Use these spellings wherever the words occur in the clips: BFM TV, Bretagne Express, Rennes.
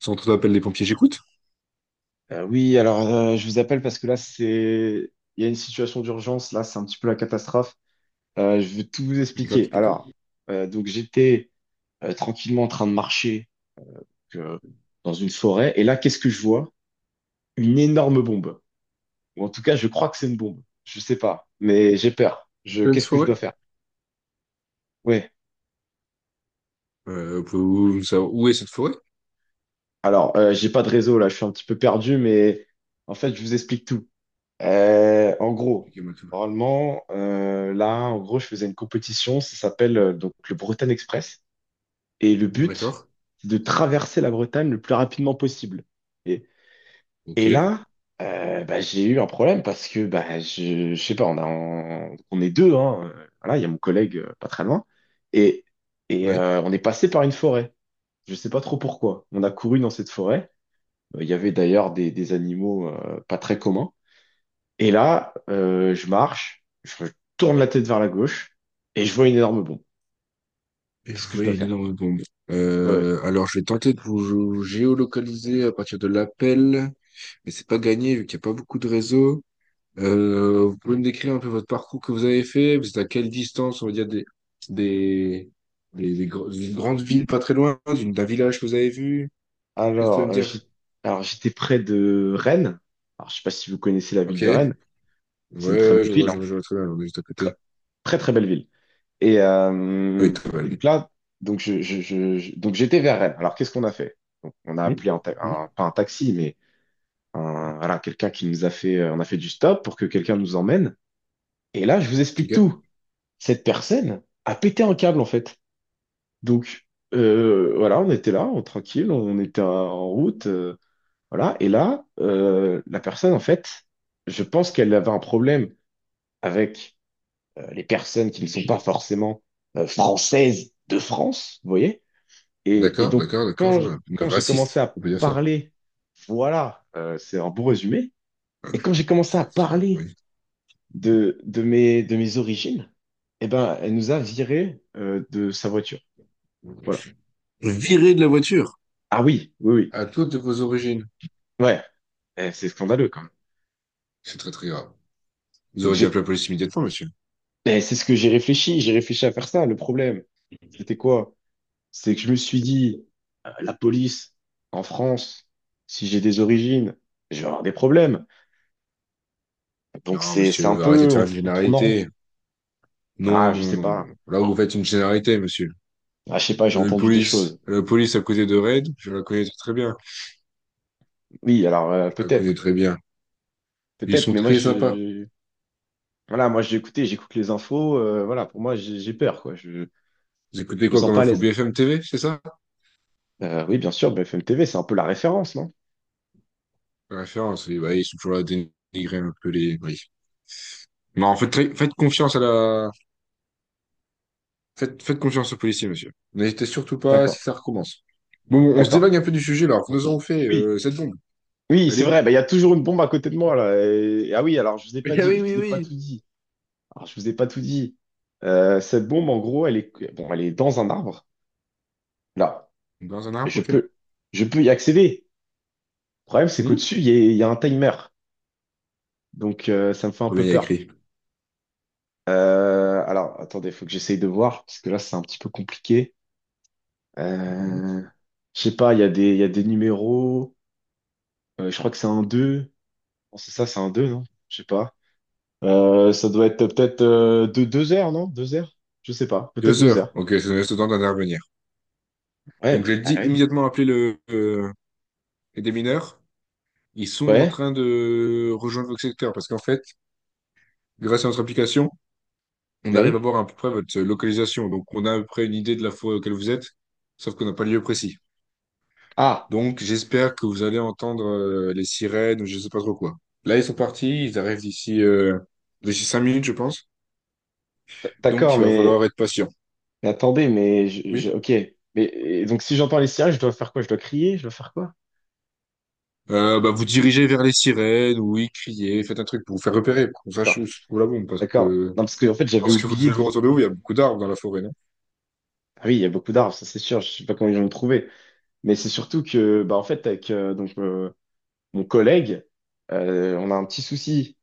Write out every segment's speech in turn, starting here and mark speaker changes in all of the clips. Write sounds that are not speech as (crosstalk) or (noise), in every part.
Speaker 1: Centre d'appel des pompiers, j'écoute.
Speaker 2: Je vous appelle parce que là, c'est... il y a une situation d'urgence, là, c'est un petit peu la catastrophe. Je vais tout vous expliquer.
Speaker 1: J'écoute plutôt.
Speaker 2: Donc j'étais tranquillement en train de marcher euh, dans une forêt, et là, qu'est-ce que je vois? Une énorme bombe. Ou en tout cas, je crois que c'est une bombe. Je sais pas, mais j'ai peur.
Speaker 1: En
Speaker 2: Je...
Speaker 1: Pleine
Speaker 2: Qu'est-ce que je dois
Speaker 1: forêt.
Speaker 2: faire? Ouais.
Speaker 1: Pouvez-vous me savoir où est cette forêt?
Speaker 2: J'ai pas de réseau, là, je suis un petit peu perdu, mais en fait, je vous explique tout. En gros,
Speaker 1: Expliquez-moi tout.
Speaker 2: normalement, là, en gros, je faisais une compétition, ça s'appelle donc le Bretagne Express. Et le but,
Speaker 1: D'accord.
Speaker 2: c'est de traverser la Bretagne le plus rapidement possible. Et,
Speaker 1: Ok.
Speaker 2: et là, bah, j'ai eu un problème parce que, bah, je sais pas, on est deux, hein, voilà, il y a mon collègue pas très loin. Et, et
Speaker 1: Oui.
Speaker 2: euh, on est passé par une forêt. Je sais pas trop pourquoi. On a couru dans cette forêt. Il y avait d'ailleurs des animaux pas très communs. Et là, je marche, je tourne la tête vers la gauche et je vois une énorme bombe.
Speaker 1: Et
Speaker 2: Qu'est-ce
Speaker 1: vous
Speaker 2: que je dois
Speaker 1: voyez une
Speaker 2: faire?
Speaker 1: énorme bombe.
Speaker 2: Ouais, ouais.
Speaker 1: Alors, je vais tenter de vous géolocaliser à partir de l'appel, mais c'est pas gagné vu qu'il n'y a pas beaucoup de réseaux. Vous pouvez me décrire un peu votre parcours que vous avez fait? Vous êtes à quelle distance, on va dire, des, d'une grande ville pas très loin, d'un village que vous avez vu? Qu'est-ce que vous pouvez
Speaker 2: Alors,
Speaker 1: me
Speaker 2: euh, j'ai-
Speaker 1: dire?
Speaker 2: alors j'étais près de Rennes. Alors, je sais pas si vous connaissez la ville
Speaker 1: Ok.
Speaker 2: de Rennes.
Speaker 1: Ouais,
Speaker 2: C'est une
Speaker 1: ouais,
Speaker 2: très belle
Speaker 1: ouais, je vois,
Speaker 2: ville, hein.
Speaker 1: je vois, je vois très bien, on est juste à
Speaker 2: Très,
Speaker 1: côté.
Speaker 2: très très belle ville. Et, euh,
Speaker 1: Oui,
Speaker 2: et donc
Speaker 1: travailler.
Speaker 2: là, donc j'étais vers Rennes. Alors, qu'est-ce qu'on a fait? Donc, on a
Speaker 1: Oui,
Speaker 2: appelé
Speaker 1: oui.
Speaker 2: pas un taxi, mais voilà, quelqu'un qui nous a fait, on a fait du stop pour que quelqu'un nous emmène. Et là, je vous explique
Speaker 1: Ok.
Speaker 2: tout. Cette personne a pété un câble en fait. Donc voilà, on était là, tranquille, on était en route, voilà. Et là, la personne, en fait, je pense qu'elle avait un problème avec les personnes qui ne sont pas forcément françaises de France, vous voyez? Et,
Speaker 1: D'accord, d'accord, d'accord, je vois.
Speaker 2: quand j'ai commencé
Speaker 1: Raciste,
Speaker 2: à
Speaker 1: on peut dire ça.
Speaker 2: parler, voilà, c'est un bon résumé. Et
Speaker 1: Ok.
Speaker 2: quand j'ai commencé
Speaker 1: C'est
Speaker 2: à
Speaker 1: impressionnant,
Speaker 2: parler
Speaker 1: oui.
Speaker 2: de mes origines, eh ben, elle nous a viré de sa voiture. Voilà.
Speaker 1: Viré de la voiture.
Speaker 2: Ah oui, oui, oui.
Speaker 1: À toutes de vos origines.
Speaker 2: Ouais, eh, c'est scandaleux quand même.
Speaker 1: C'est très très grave. Vous
Speaker 2: Donc
Speaker 1: auriez dû
Speaker 2: j'ai,
Speaker 1: appeler la police immédiatement, monsieur.
Speaker 2: eh, c'est ce que j'ai réfléchi à faire ça. Le problème, c'était quoi? C'est que je me suis dit, la police en France, si j'ai des origines, je vais avoir des problèmes. Donc
Speaker 1: Non,
Speaker 2: c'est un
Speaker 1: monsieur, arrêtez
Speaker 2: peu,
Speaker 1: de faire une
Speaker 2: on tourne en rond.
Speaker 1: généralité.
Speaker 2: Ah,
Speaker 1: Non,
Speaker 2: je
Speaker 1: non,
Speaker 2: sais
Speaker 1: non,
Speaker 2: pas.
Speaker 1: non. Là, vous faites une généralité, monsieur.
Speaker 2: Ah, je sais pas, j'ai entendu des choses.
Speaker 1: La police à côté de Raid, je la connais très bien. Je la connais
Speaker 2: Peut-être,
Speaker 1: très bien. Ils
Speaker 2: peut-être,
Speaker 1: sont
Speaker 2: mais moi
Speaker 1: très sympas.
Speaker 2: je, voilà, moi j'ai écouté, j'écoute les infos. Voilà, pour moi j'ai peur, quoi. Je
Speaker 1: Vous écoutez
Speaker 2: me
Speaker 1: quoi
Speaker 2: sens
Speaker 1: comme
Speaker 2: pas à
Speaker 1: info
Speaker 2: l'aise.
Speaker 1: BFM TV, c'est ça?
Speaker 2: Oui, bien sûr, BFM TV, c'est un peu la référence, non?
Speaker 1: La référence, oui, bah, ils sont toujours là à dénigrer un peu les... Oui. Non, en fait, très- faites confiance à la... Faites, faites confiance aux policiers, monsieur. N'hésitez surtout pas
Speaker 2: D'accord,
Speaker 1: si ça recommence. Bon, bon, on se
Speaker 2: d'accord.
Speaker 1: dévague un peu du sujet, là. Nous avons fait
Speaker 2: Oui.
Speaker 1: cette bombe.
Speaker 2: Oui,
Speaker 1: Elle
Speaker 2: c'est
Speaker 1: est
Speaker 2: vrai,
Speaker 1: où?
Speaker 2: bah, il y a toujours une bombe à côté de moi là. Et- Ah oui, alors je vous ai pas
Speaker 1: (laughs) Ah
Speaker 2: dit,
Speaker 1: oui,
Speaker 2: je
Speaker 1: oui,
Speaker 2: vous ai pas
Speaker 1: oui.
Speaker 2: tout dit. Alors, je vous ai pas tout dit. Cette bombe, en gros, elle est, bon, elle est dans un arbre. Là,
Speaker 1: Dans un arbre,
Speaker 2: je
Speaker 1: ok.
Speaker 2: peux, je peux y accéder. Le problème, c'est
Speaker 1: Hmm.
Speaker 2: qu'au-dessus, il y a un timer. Donc, ça me fait un
Speaker 1: Combien
Speaker 2: peu
Speaker 1: il y a
Speaker 2: peur.
Speaker 1: écrit?
Speaker 2: Attendez, faut que j'essaye de voir, parce que là, c'est un petit peu compliqué.
Speaker 1: Hmm.
Speaker 2: Euh, je sais pas, il y a des numéros. Je crois que c'est un 2. Non, c'est ça, c'est un 2, non? Je sais pas. Ça doit être peut-être deux, deux heures, non? Deux heures? Je sais pas. Peut-être
Speaker 1: Deux
Speaker 2: deux
Speaker 1: heures.
Speaker 2: heures.
Speaker 1: Ok, ça nous laisse le temps d'intervenir.
Speaker 2: Ouais,
Speaker 1: Donc,
Speaker 2: bah,
Speaker 1: j'ai
Speaker 2: ah
Speaker 1: dit
Speaker 2: oui.
Speaker 1: immédiatement appeler les démineurs. Ils sont en
Speaker 2: Ouais,
Speaker 1: train de rejoindre votre secteur parce qu'en fait, grâce à notre application, on arrive à
Speaker 2: oui.
Speaker 1: voir à peu près votre localisation. Donc, on a à peu près une idée de la forêt auquel vous êtes, sauf qu'on n'a pas le lieu précis.
Speaker 2: Ah,
Speaker 1: Donc, j'espère que vous allez entendre les sirènes ou je sais pas trop quoi. Là, ils sont partis, ils arrivent d'ici cinq minutes, je pense. Donc,
Speaker 2: d'accord,
Speaker 1: il va falloir être patient.
Speaker 2: mais attendez, mais
Speaker 1: Oui.
Speaker 2: ok. Mais et donc si j'entends les sirènes, je dois faire quoi? Je dois crier? Je dois faire quoi?
Speaker 1: Bah, vous dirigez vers les sirènes, oui, criez, faites un truc pour vous faire repérer, pour qu'on sache
Speaker 2: D'accord,
Speaker 1: où se trouve la bombe, parce
Speaker 2: d'accord.
Speaker 1: que
Speaker 2: Non, parce que en fait,
Speaker 1: je
Speaker 2: j'avais
Speaker 1: pense que vous
Speaker 2: oublié
Speaker 1: devez vous
Speaker 2: de.
Speaker 1: retourner où il y a beaucoup d'arbres dans la forêt, non?
Speaker 2: Ah oui, il y a beaucoup d'arbres, ça c'est sûr. Je sais pas comment ils vont me trouver. Mais c'est surtout que, bah en fait, avec mon collègue, on a un petit souci.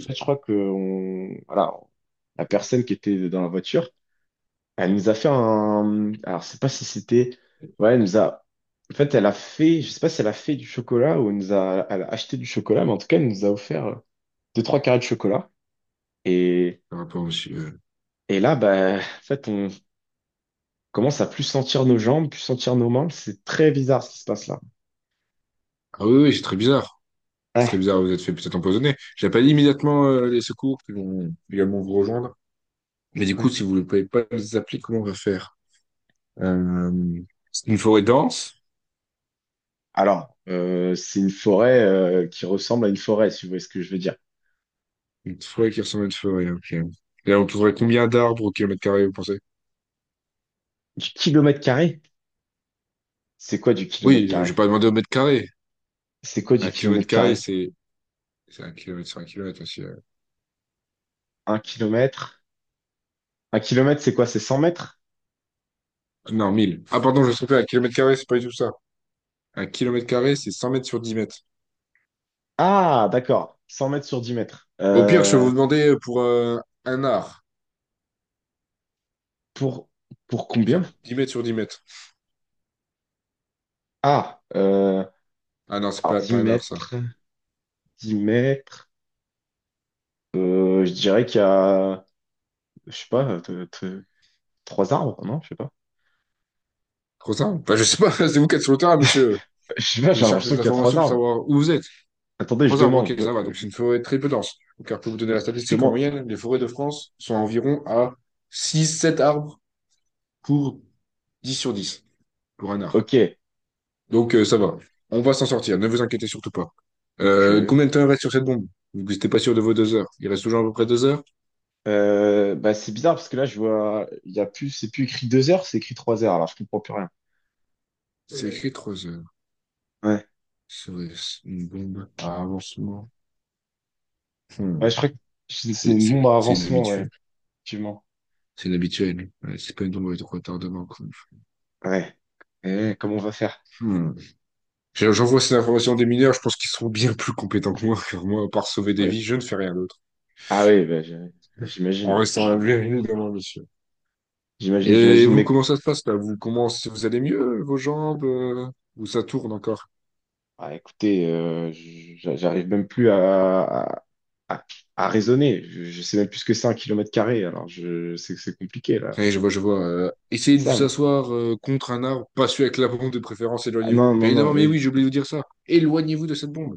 Speaker 2: En fait, je crois que on, voilà, la personne qui était dans la voiture. Elle nous a fait un... Alors, je sais pas si c'était... Ouais, elle nous a... En fait, elle a fait... Je sais pas si elle a fait du chocolat ou elle nous a... elle a acheté du chocolat, mais en tout cas, elle nous a offert deux, trois carrés de chocolat. Et,
Speaker 1: Par rapport au monsieur.
Speaker 2: et là, bah, en fait, on commence à plus sentir nos jambes, plus sentir nos mains. C'est très bizarre ce qui se passe là.
Speaker 1: Ah oui, oui, c'est très bizarre. C'est très
Speaker 2: Ouais,
Speaker 1: bizarre, vous êtes fait peut-être empoisonner. J'appelle immédiatement les secours qui vont également vous rejoindre. Mais du coup,
Speaker 2: ouais.
Speaker 1: si vous ne pouvez pas les appeler, comment on va faire? Euh, c'est une forêt dense.
Speaker 2: Alors, c'est une forêt qui ressemble à une forêt, si vous voyez ce que je veux dire.
Speaker 1: Une forêt qui ressemble à une forêt, ok. Et on trouverait combien d'arbres au kilomètre carré, vous pensez?
Speaker 2: Du kilomètre carré? C'est quoi du kilomètre
Speaker 1: Oui, j'ai
Speaker 2: carré?
Speaker 1: pas demandé au mètre carré.
Speaker 2: C'est quoi du
Speaker 1: Un kilomètre
Speaker 2: kilomètre
Speaker 1: carré,
Speaker 2: carré?
Speaker 1: c'est un kilomètre sur un kilomètre aussi.
Speaker 2: Un kilomètre? Un kilomètre, c'est quoi? C'est 100 mètres?
Speaker 1: Non, mille. Ah, pardon, je me suis trompé. Un kilomètre carré, c'est pas du tout ça. Un kilomètre carré, c'est 100 mètres sur 10 mètres.
Speaker 2: Ah, d'accord. 100 mètres sur 10 mètres.
Speaker 1: Au pire, je vais vous demander pour un art.
Speaker 2: Pour, pour combien?
Speaker 1: C'est 10 mètres sur 10 mètres.
Speaker 2: Ah, euh,
Speaker 1: Ah non, c'est
Speaker 2: alors
Speaker 1: pas,
Speaker 2: 10
Speaker 1: pas un art, ça.
Speaker 2: mètres, 10 mètres. Je dirais qu'il y a, je sais pas, trois arbres, non? Je sais pas.
Speaker 1: Trop simple. Enfin, je sais pas, (laughs) c'est vous qui êtes sur le terrain, monsieur.
Speaker 2: (laughs) Je sais pas,
Speaker 1: Je
Speaker 2: j'ai
Speaker 1: cherche
Speaker 2: l'impression
Speaker 1: des
Speaker 2: qu'il y a trois
Speaker 1: informations pour
Speaker 2: arbres.
Speaker 1: savoir où vous êtes.
Speaker 2: Attendez, je
Speaker 1: Trois arbres, ok, ça
Speaker 2: demande.
Speaker 1: va.
Speaker 2: Je,
Speaker 1: Donc,
Speaker 2: je-
Speaker 1: c'est une forêt très peu dense, car pour vous donner la
Speaker 2: je
Speaker 1: statistique, en
Speaker 2: demande.
Speaker 1: moyenne, les forêts de France sont environ à six, sept arbres pour 10 sur 10 pour un arbre.
Speaker 2: Ok.
Speaker 1: Donc, ça va. On va s'en sortir. Ne vous inquiétez surtout pas.
Speaker 2: Ok.
Speaker 1: Combien de temps il reste sur cette bombe? Vous n'êtes pas sûr de vos deux heures. Il reste toujours à peu près deux heures?
Speaker 2: Bah, c'est bizarre parce que là, je vois, il y a plus, c'est plus écrit deux heures, c'est écrit trois heures. Alors, je comprends plus rien.
Speaker 1: C'est écrit trois heures.
Speaker 2: Ouais.
Speaker 1: Serait-ce une bombe à avancement?
Speaker 2: Ouais,
Speaker 1: Hmm.
Speaker 2: je crois que c'est
Speaker 1: C'est
Speaker 2: une
Speaker 1: c'est-
Speaker 2: bombe à
Speaker 1: c'est
Speaker 2: avancement, ouais,
Speaker 1: inhabituel.
Speaker 2: effectivement.
Speaker 1: C'est inhabituel. Ouais, c'est pas une bombe avec de retardement, quoi.
Speaker 2: Ouais. Eh, comment on va faire?
Speaker 1: Hmm. J'ai- J'envoie ces informations à des mineurs, je pense qu'ils seront bien plus compétents que moi, car moi, à part sauver des
Speaker 2: Ouais.
Speaker 1: vies, je ne fais rien d'autre.
Speaker 2: Ah oui, bah, j'ai-
Speaker 1: En
Speaker 2: j'imagine. Ouais.
Speaker 1: restant un viril dans ma mission.
Speaker 2: J'imagine,
Speaker 1: Et
Speaker 2: j'imagine,
Speaker 1: vous,
Speaker 2: mec.
Speaker 1: comment ça se passe là? Vous, comment, vous allez mieux, vos jambes? Ou ça tourne encore?
Speaker 2: Ah, écoutez, j'arrive même plus à- à raisonner. Je sais même plus ce que c'est un kilomètre carré. Alors, je sais que c'est compliqué, là.
Speaker 1: Ouais, je vois, je vois.
Speaker 2: Dites
Speaker 1: Essayez de
Speaker 2: ça,
Speaker 1: vous
Speaker 2: mais...
Speaker 1: asseoir contre un arbre, pas celui avec la bombe de préférence,
Speaker 2: Ah, non,
Speaker 1: éloignez-vous.
Speaker 2: non,
Speaker 1: Bien
Speaker 2: non,
Speaker 1: évidemment, mais
Speaker 2: oui.
Speaker 1: oui, j'ai oublié de vous dire ça. Éloignez-vous de cette bombe.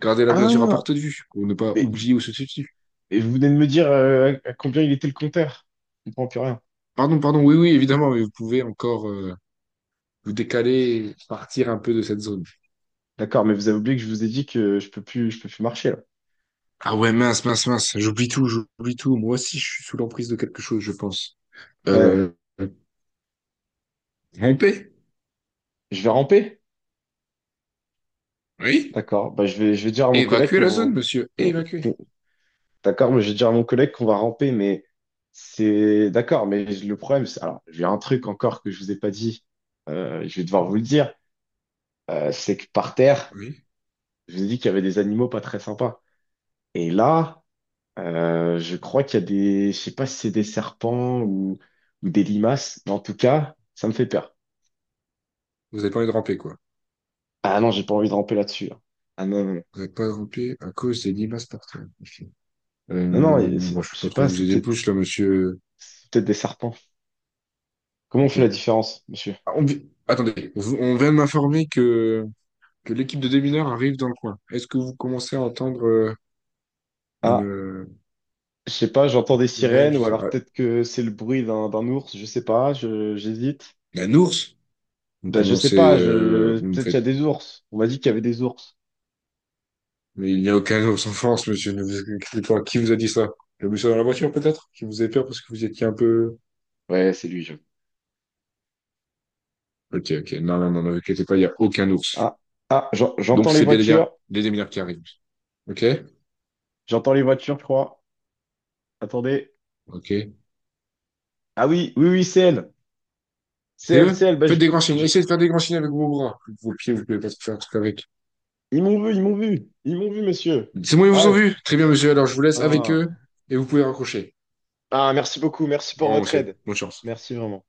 Speaker 1: Gardez-la bien sûr à
Speaker 2: Ah,
Speaker 1: portée de vue, pour ne pas
Speaker 2: mais,
Speaker 1: oublier où se situe.
Speaker 2: mais vous venez de me dire à combien il était le compteur. Je comprends plus rien.
Speaker 1: Pardon, pardon, oui, oui, évidemment, mais vous pouvez encore vous décaler, partir un peu de cette zone.
Speaker 2: D'accord, mais vous avez oublié que je vous ai dit que je peux plus marcher, là.
Speaker 1: Ah ouais, mince, mince, mince. J'oublie tout, j'oublie tout. Moi aussi, je suis sous l'emprise de quelque chose, je pense.
Speaker 2: Ouais.
Speaker 1: Euh, ramper?
Speaker 2: Je vais ramper?
Speaker 1: Oui.
Speaker 2: D'accord. Bah, je vais dire à mon collègue
Speaker 1: Évacuer la zone,
Speaker 2: qu'on
Speaker 1: monsieur. Évacuer.
Speaker 2: d'accord, mais j'ai déjà mon collègue qu'on va ramper, mais c'est d'accord, mais le problème, c'est alors j'ai un truc encore que je vous ai pas dit, je vais devoir vous le dire, c'est que par terre,
Speaker 1: Oui.
Speaker 2: je vous ai dit qu'il y avait des animaux pas très sympas. Et là, je crois qu'il y a des, je sais pas si c'est des serpents ou des limaces, mais en tout cas, ça me fait peur.
Speaker 1: Vous n'avez pas envie de ramper, quoi.
Speaker 2: Ah non, j'ai pas envie de ramper là-dessus. Hein. Ah non, non,
Speaker 1: Vous n'avez pas rampé à cause des limaces par terre. Ok.
Speaker 2: non, non, non, c'est-
Speaker 1: Bon, je
Speaker 2: je
Speaker 1: peux
Speaker 2: sais
Speaker 1: pas trop
Speaker 2: pas,
Speaker 1: vous aider plus, là, monsieur.
Speaker 2: c'est peut-être des serpents. Comment on
Speaker 1: Ok.
Speaker 2: fait la différence, monsieur?
Speaker 1: Ah, on vi- Attendez, vous- on vient de m'informer que l'équipe de démineurs arrive dans le coin. Est-ce que vous commencez à entendre euh, une,
Speaker 2: Ah.
Speaker 1: euh,
Speaker 2: Je sais pas, j'entends des
Speaker 1: sirène,
Speaker 2: sirènes
Speaker 1: je
Speaker 2: ou
Speaker 1: sais
Speaker 2: alors
Speaker 1: pas.
Speaker 2: peut-être que c'est le bruit d'un ours, je sais pas, je j'hésite.
Speaker 1: Ah, un ours? Vous
Speaker 2: Ben, je sais
Speaker 1: commencez,
Speaker 2: pas, je
Speaker 1: vous me
Speaker 2: peut-être qu'il y a
Speaker 1: faites.
Speaker 2: des ours. On m'a dit qu'il y avait des ours.
Speaker 1: Mais il n'y a aucun ours en France, monsieur. Ne vous inquiétez pas. Qui vous a dit ça? Le monsieur dans la voiture, peut-être? Qui vous a fait peur parce que vous étiez un peu...
Speaker 2: Ouais, c'est lui, je...
Speaker 1: Ok, ok. Non, non, non, ne vous inquiétez pas, il n'y a aucun ours.
Speaker 2: Ah,
Speaker 1: Donc,
Speaker 2: J'entends les
Speaker 1: c'est bien et bien
Speaker 2: voitures.
Speaker 1: les démineurs qui arrivent. Ok?
Speaker 2: J'entends les voitures, je crois. Attendez.
Speaker 1: Ok.
Speaker 2: Ah oui, oui, oui, c'est elle. C'est
Speaker 1: C'est
Speaker 2: elle,
Speaker 1: eux?
Speaker 2: c'est elle.
Speaker 1: Faites des grands signes.
Speaker 2: Je-
Speaker 1: Essayez de faire des grands signes avec vos bras. Vos pieds, vous ne pouvez pas faire un truc avec.
Speaker 2: Ils m'ont vu, ils m'ont vu. Ils m'ont vu, monsieur.
Speaker 1: C'est bon, ils vous ont
Speaker 2: Ah,
Speaker 1: vu. Très bien, monsieur. Alors, je vous laisse avec
Speaker 2: ah.
Speaker 1: eux et vous pouvez raccrocher.
Speaker 2: Ah, merci beaucoup, merci
Speaker 1: Au
Speaker 2: pour
Speaker 1: revoir,
Speaker 2: votre
Speaker 1: monsieur.
Speaker 2: aide.
Speaker 1: Bonne chance.
Speaker 2: Merci vraiment.